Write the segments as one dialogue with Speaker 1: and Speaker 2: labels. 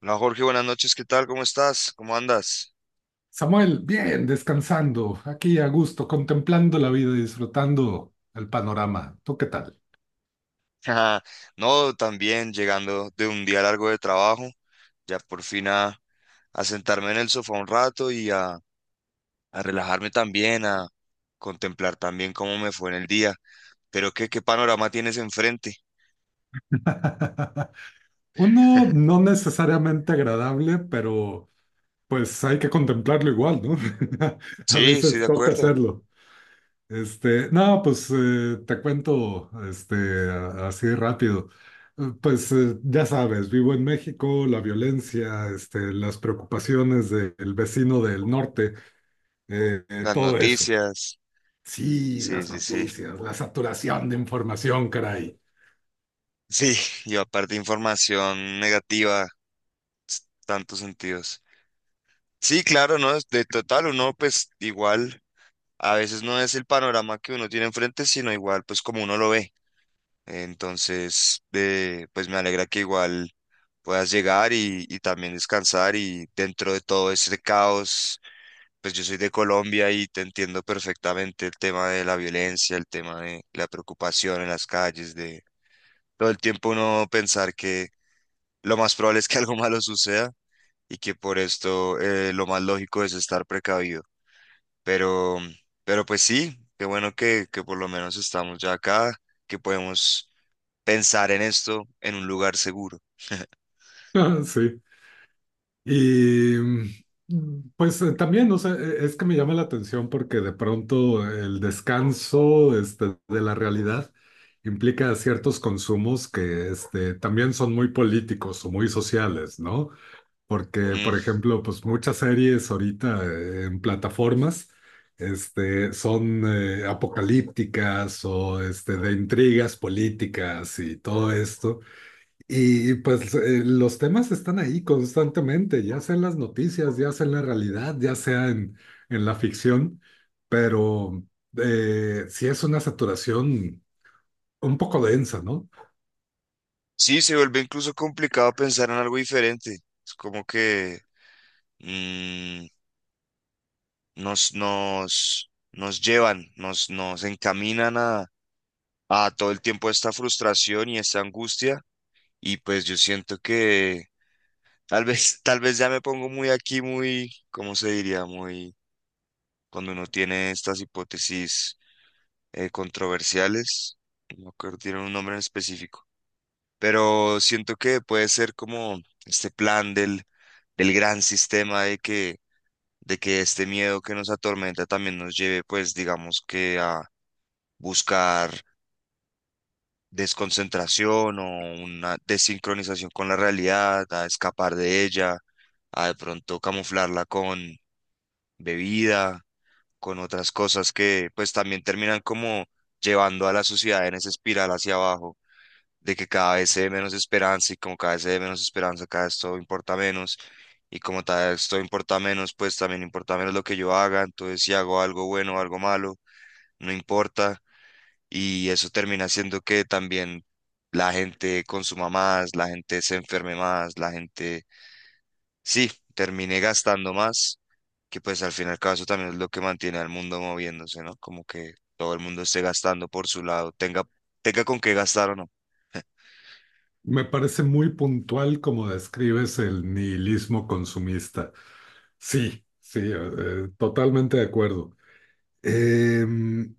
Speaker 1: No, Jorge, buenas noches, ¿qué tal? ¿Cómo estás? ¿Cómo andas?
Speaker 2: Samuel, bien, descansando, aquí a gusto, contemplando la vida y disfrutando el panorama. ¿Tú qué tal?
Speaker 1: No, también llegando de un día largo de trabajo, ya por fin a sentarme en el sofá un rato y a relajarme también, a contemplar también cómo me fue en el día. Pero qué panorama tienes enfrente.
Speaker 2: Uno no necesariamente agradable, pero pues hay que contemplarlo igual, ¿no? A
Speaker 1: Sí, estoy
Speaker 2: veces
Speaker 1: de
Speaker 2: toca
Speaker 1: acuerdo.
Speaker 2: hacerlo. Este, no, pues te cuento así rápido. Pues ya sabes, vivo en México, la violencia, este, las preocupaciones del vecino del norte,
Speaker 1: Las
Speaker 2: todo eso.
Speaker 1: noticias.
Speaker 2: Sí,
Speaker 1: Sí,
Speaker 2: las
Speaker 1: sí, sí.
Speaker 2: noticias, la saturación de información, caray.
Speaker 1: Sí, y aparte información negativa, tantos sentidos. Sí, claro, ¿no? De total, uno pues igual. A veces no es el panorama que uno tiene enfrente, sino igual pues como uno lo ve. Entonces, pues me alegra que igual puedas llegar y también descansar y dentro de todo este caos, pues yo soy de Colombia y te entiendo perfectamente el tema de la violencia, el tema de la preocupación en las calles, de todo el tiempo uno pensar que lo más probable es que algo malo suceda y que por esto lo más lógico es estar precavido. Pero, pero pues sí, qué bueno que por lo menos estamos ya acá, que podemos pensar en esto en un lugar seguro.
Speaker 2: Ah, sí. Y pues también, o sea, es que me llama la atención porque de pronto el descanso este, de la realidad implica ciertos consumos que este, también son muy políticos o muy sociales, ¿no? Porque, por
Speaker 1: Mm.
Speaker 2: ejemplo, pues muchas series ahorita en plataformas este, son apocalípticas o este, de intrigas políticas y todo esto. Y pues los temas están ahí constantemente, ya sea en las noticias, ya sea en la realidad, ya sea en la ficción, pero sí es una saturación un poco densa, ¿no?
Speaker 1: Sí, se vuelve incluso complicado pensar en algo diferente. Es como que mm, nos llevan, nos encaminan a todo el tiempo esta frustración y esta angustia. Y pues yo siento que tal vez, tal vez ya me pongo muy aquí, muy, ¿cómo se diría? Muy, cuando uno tiene estas hipótesis controversiales, no me acuerdo, tienen un nombre en específico, pero siento que puede ser como este plan del gran sistema de que, este miedo que nos atormenta también nos lleve, pues digamos que a buscar desconcentración o una desincronización con la realidad, a escapar de ella, a de pronto camuflarla con bebida, con otras cosas que pues también terminan como llevando a la sociedad en esa espiral hacia abajo de que cada vez se ve menos esperanza y como cada vez se ve menos esperanza, cada vez todo importa menos y como cada vez todo importa menos, pues también importa menos lo que yo haga, entonces si hago algo bueno o algo malo, no importa y eso termina siendo que también la gente consuma más, la gente se enferme más, la gente, sí, termine gastando más, que pues al final caso también es lo que mantiene al mundo moviéndose, ¿no? Como que todo el mundo esté gastando por su lado, tenga con qué gastar o no.
Speaker 2: Me parece muy puntual como describes el nihilismo consumista. Sí, sí, totalmente de acuerdo. Em,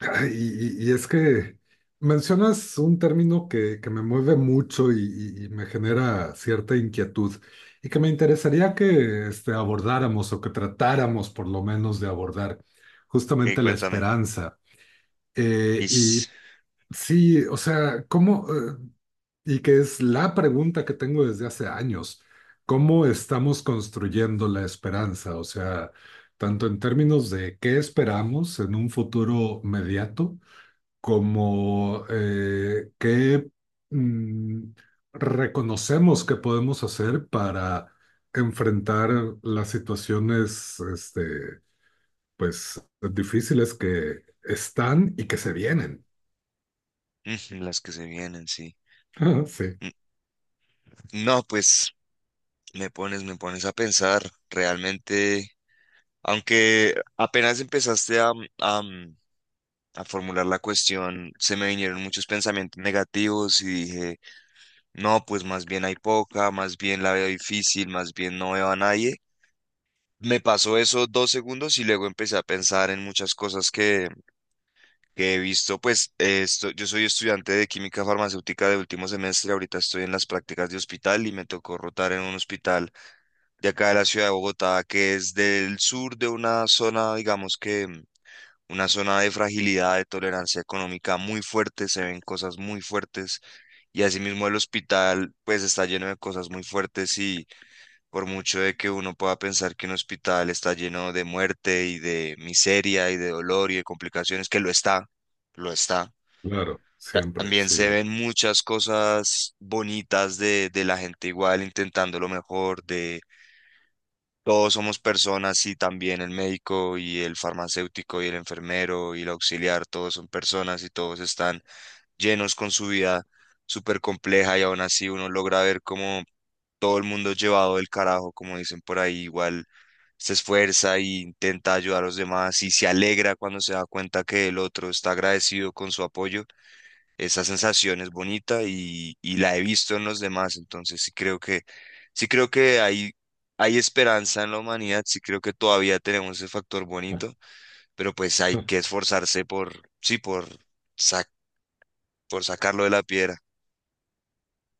Speaker 2: ay, y es que mencionas un término que me mueve mucho y, y me genera cierta inquietud y que me interesaría que este, abordáramos o que tratáramos por lo menos de abordar
Speaker 1: Ok,
Speaker 2: justamente la
Speaker 1: cuéntame.
Speaker 2: esperanza. Eh,
Speaker 1: Y.
Speaker 2: y sí, o sea, ¿cómo? Y que es la pregunta que tengo desde hace años. ¿Cómo estamos construyendo la esperanza? O sea, tanto en términos de qué esperamos en un futuro mediato, como qué mm, reconocemos que podemos hacer para enfrentar las situaciones, este, pues, difíciles que están y que se vienen.
Speaker 1: Ujú, las que se vienen, sí.
Speaker 2: Sí,
Speaker 1: Mm, No, pues me pones a pensar realmente, aunque apenas empezaste a, mm, a formular la cuestión, se me vinieron muchos pensamientos negativos y dije, no, pues más bien hay poca, más bien la veo difícil, más bien no veo a nadie. Me pasó eso dos segundos y luego empecé a pensar en muchas cosas que he visto, pues yo soy estudiante de química farmacéutica de último semestre, ahorita estoy en las prácticas de hospital y me tocó rotar en un hospital de acá de la ciudad de Bogotá, que es del sur de una zona, digamos que una zona de fragilidad, de tolerancia económica muy fuerte, se ven cosas muy fuertes y asimismo el hospital pues está lleno de cosas muy fuertes y por mucho de que uno pueda pensar que un hospital está lleno de muerte y de miseria y de dolor y de complicaciones, que lo está
Speaker 2: claro, siempre,
Speaker 1: también
Speaker 2: sí.
Speaker 1: se ven muchas cosas bonitas de la gente igual intentando lo mejor, de todos somos personas y también el médico y el farmacéutico y el enfermero y el auxiliar, todos son personas y todos están llenos con su vida súper compleja y aún así uno logra ver como todo el mundo llevado del carajo, como dicen por ahí, igual se esfuerza e intenta ayudar a los demás y se alegra cuando se da cuenta que el otro está agradecido con su apoyo, esa sensación es bonita y la he visto en los demás, entonces sí creo que hay esperanza en la humanidad, sí creo que todavía tenemos ese factor bonito, pero pues hay que esforzarse por, sí, por, sac- por sacarlo de la piedra.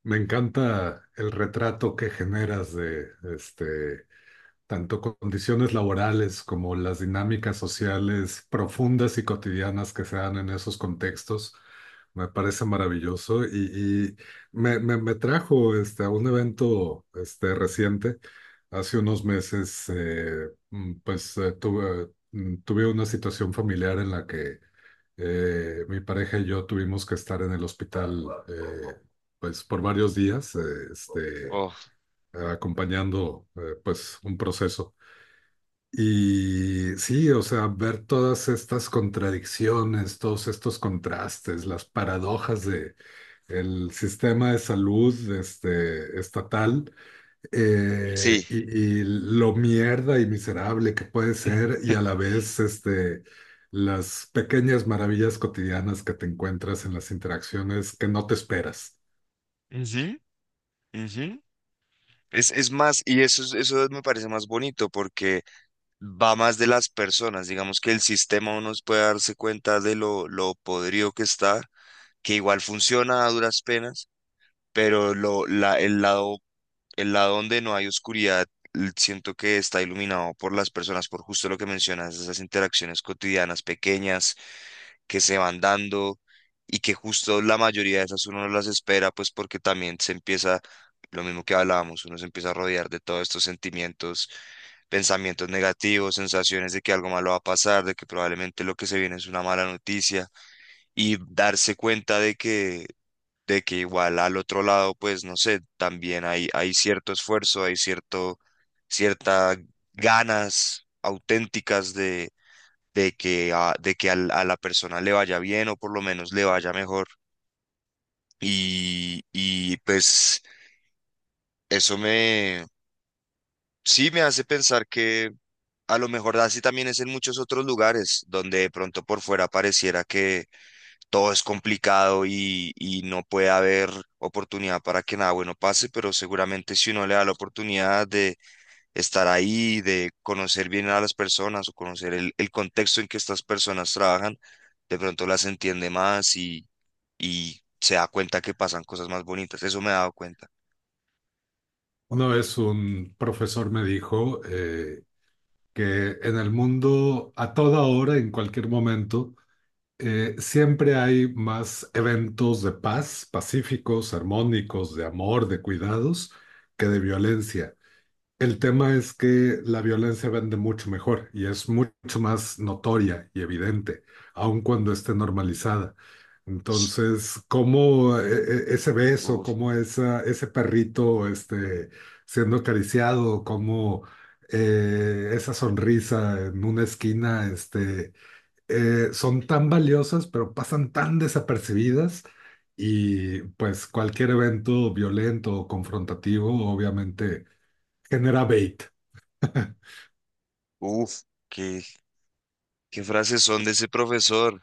Speaker 2: Me encanta el retrato que generas de este tanto condiciones laborales como las dinámicas sociales profundas y cotidianas que se dan en esos contextos. Me parece maravilloso y me trajo este, a un evento este, reciente. Hace unos meses, pues tuve, tuve una situación familiar en la que mi pareja y yo tuvimos que estar en el hospital pues por varios días, este,
Speaker 1: Oh,
Speaker 2: acompañando pues un proceso. Y sí, o sea, ver todas estas contradicciones, todos estos contrastes, las paradojas de el sistema de salud este, estatal eh,
Speaker 1: sí.
Speaker 2: y, y lo mierda y miserable que puede ser y a la vez este, las pequeñas maravillas cotidianas que te encuentras en las interacciones que no te esperas.
Speaker 1: Ujú, ujú. Es más, y eso, eso me parece más bonito porque va más de las personas. Digamos que el sistema uno puede darse cuenta de lo podrido que está, que igual funciona a duras penas, pero lo, la, el lado donde no hay oscuridad, siento que está iluminado por las personas, por justo lo que mencionas, esas interacciones cotidianas pequeñas que se van dando y que justo la mayoría de esas uno no las espera, pues porque también se empieza, lo mismo que hablábamos, uno se empieza a rodear de todos estos sentimientos, pensamientos negativos, sensaciones de que algo malo va a pasar, de que probablemente lo que se viene es una mala noticia y darse cuenta de que igual al otro lado, pues no sé, también hay cierto esfuerzo, hay cierto, ciertas ganas auténticas de que, a, de que a la persona le vaya bien o por lo menos le vaya mejor. Y pues eso me, sí me hace pensar que a lo mejor así también es en muchos otros lugares donde de pronto por fuera pareciera que todo es complicado y no puede haber oportunidad para que nada bueno pase, pero seguramente si uno le da la oportunidad de estar ahí, de conocer bien a las personas o conocer el contexto en que estas personas trabajan, de pronto las entiende más y se da cuenta que pasan cosas más bonitas. Eso me he dado cuenta.
Speaker 2: Una vez un profesor me dijo que en el mundo a toda hora, en cualquier momento, siempre hay más eventos de paz, pacíficos, armónicos, de amor, de cuidados, que de violencia. El tema es que la violencia vende mucho mejor y es mucho más notoria y evidente, aun cuando esté normalizada. Entonces, cómo ese beso,
Speaker 1: Uf,
Speaker 2: cómo esa, ese perrito este, siendo acariciado, cómo esa sonrisa en una esquina, son tan valiosas, pero pasan tan desapercibidas y pues cualquier evento violento o confrontativo obviamente genera bait.
Speaker 1: uf, qué, qué frases son de ese profesor.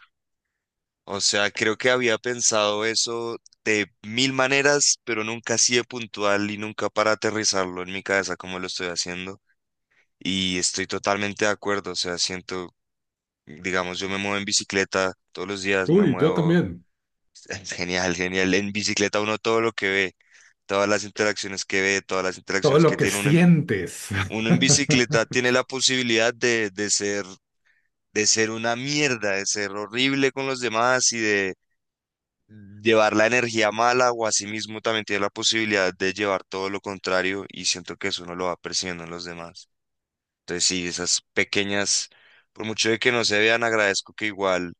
Speaker 1: O sea, creo que había pensado eso de mil maneras, pero nunca así de puntual y nunca para aterrizarlo en mi cabeza como lo estoy haciendo. Y estoy totalmente de acuerdo, o sea, siento, digamos, yo me muevo en bicicleta todos los días, me
Speaker 2: Uy, yo
Speaker 1: muevo
Speaker 2: también.
Speaker 1: genial, genial. En bicicleta uno todo lo que ve, todas las interacciones que ve, todas las
Speaker 2: Todo
Speaker 1: interacciones
Speaker 2: lo
Speaker 1: que
Speaker 2: que
Speaker 1: tiene
Speaker 2: sientes.
Speaker 1: uno en bicicleta tiene la posibilidad de ser, una mierda, de ser horrible con los demás y de llevar la energía mala, o asimismo también tiene la posibilidad de llevar todo lo contrario, y siento que eso uno lo va percibiendo en los demás. Entonces sí, esas pequeñas, por mucho de que no se vean, agradezco que igual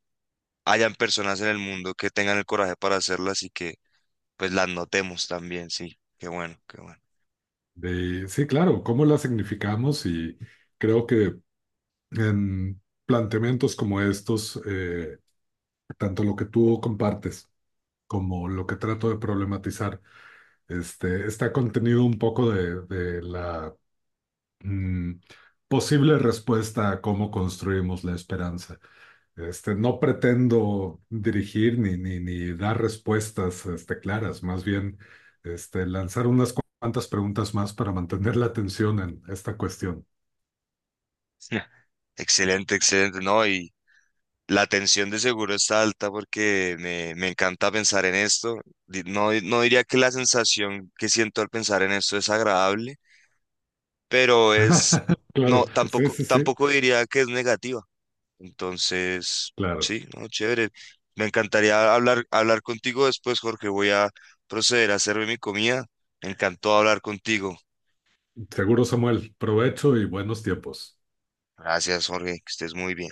Speaker 1: hayan personas en el mundo que tengan el coraje para hacerlas y que pues las notemos también, sí. Qué bueno, qué bueno.
Speaker 2: De- sí, claro, cómo la significamos y creo que en planteamientos como estos, tanto lo que tú compartes como lo que trato de problematizar, este, está contenido un poco de la Mm, posible respuesta a cómo construimos la esperanza. Este, no pretendo dirigir ni ni dar respuestas, este, claras, más bien, este, lanzar unas cuantas preguntas más para mantener la atención en esta cuestión.
Speaker 1: Excelente, excelente, ¿no? Y la tensión de seguro está alta porque me encanta pensar en esto. No, no diría que la sensación que siento al pensar en esto es agradable, pero es, no,
Speaker 2: Claro, sí, sí, sí.
Speaker 1: tampoco diría que es negativa. Entonces,
Speaker 2: Claro.
Speaker 1: sí, no, chévere. Me encantaría hablar contigo después, Jorge. Voy a proceder a hacerme mi comida. Me encantó hablar contigo.
Speaker 2: Seguro, Samuel. Provecho y buenos tiempos.
Speaker 1: Gracias, Jorge, que estés muy bien.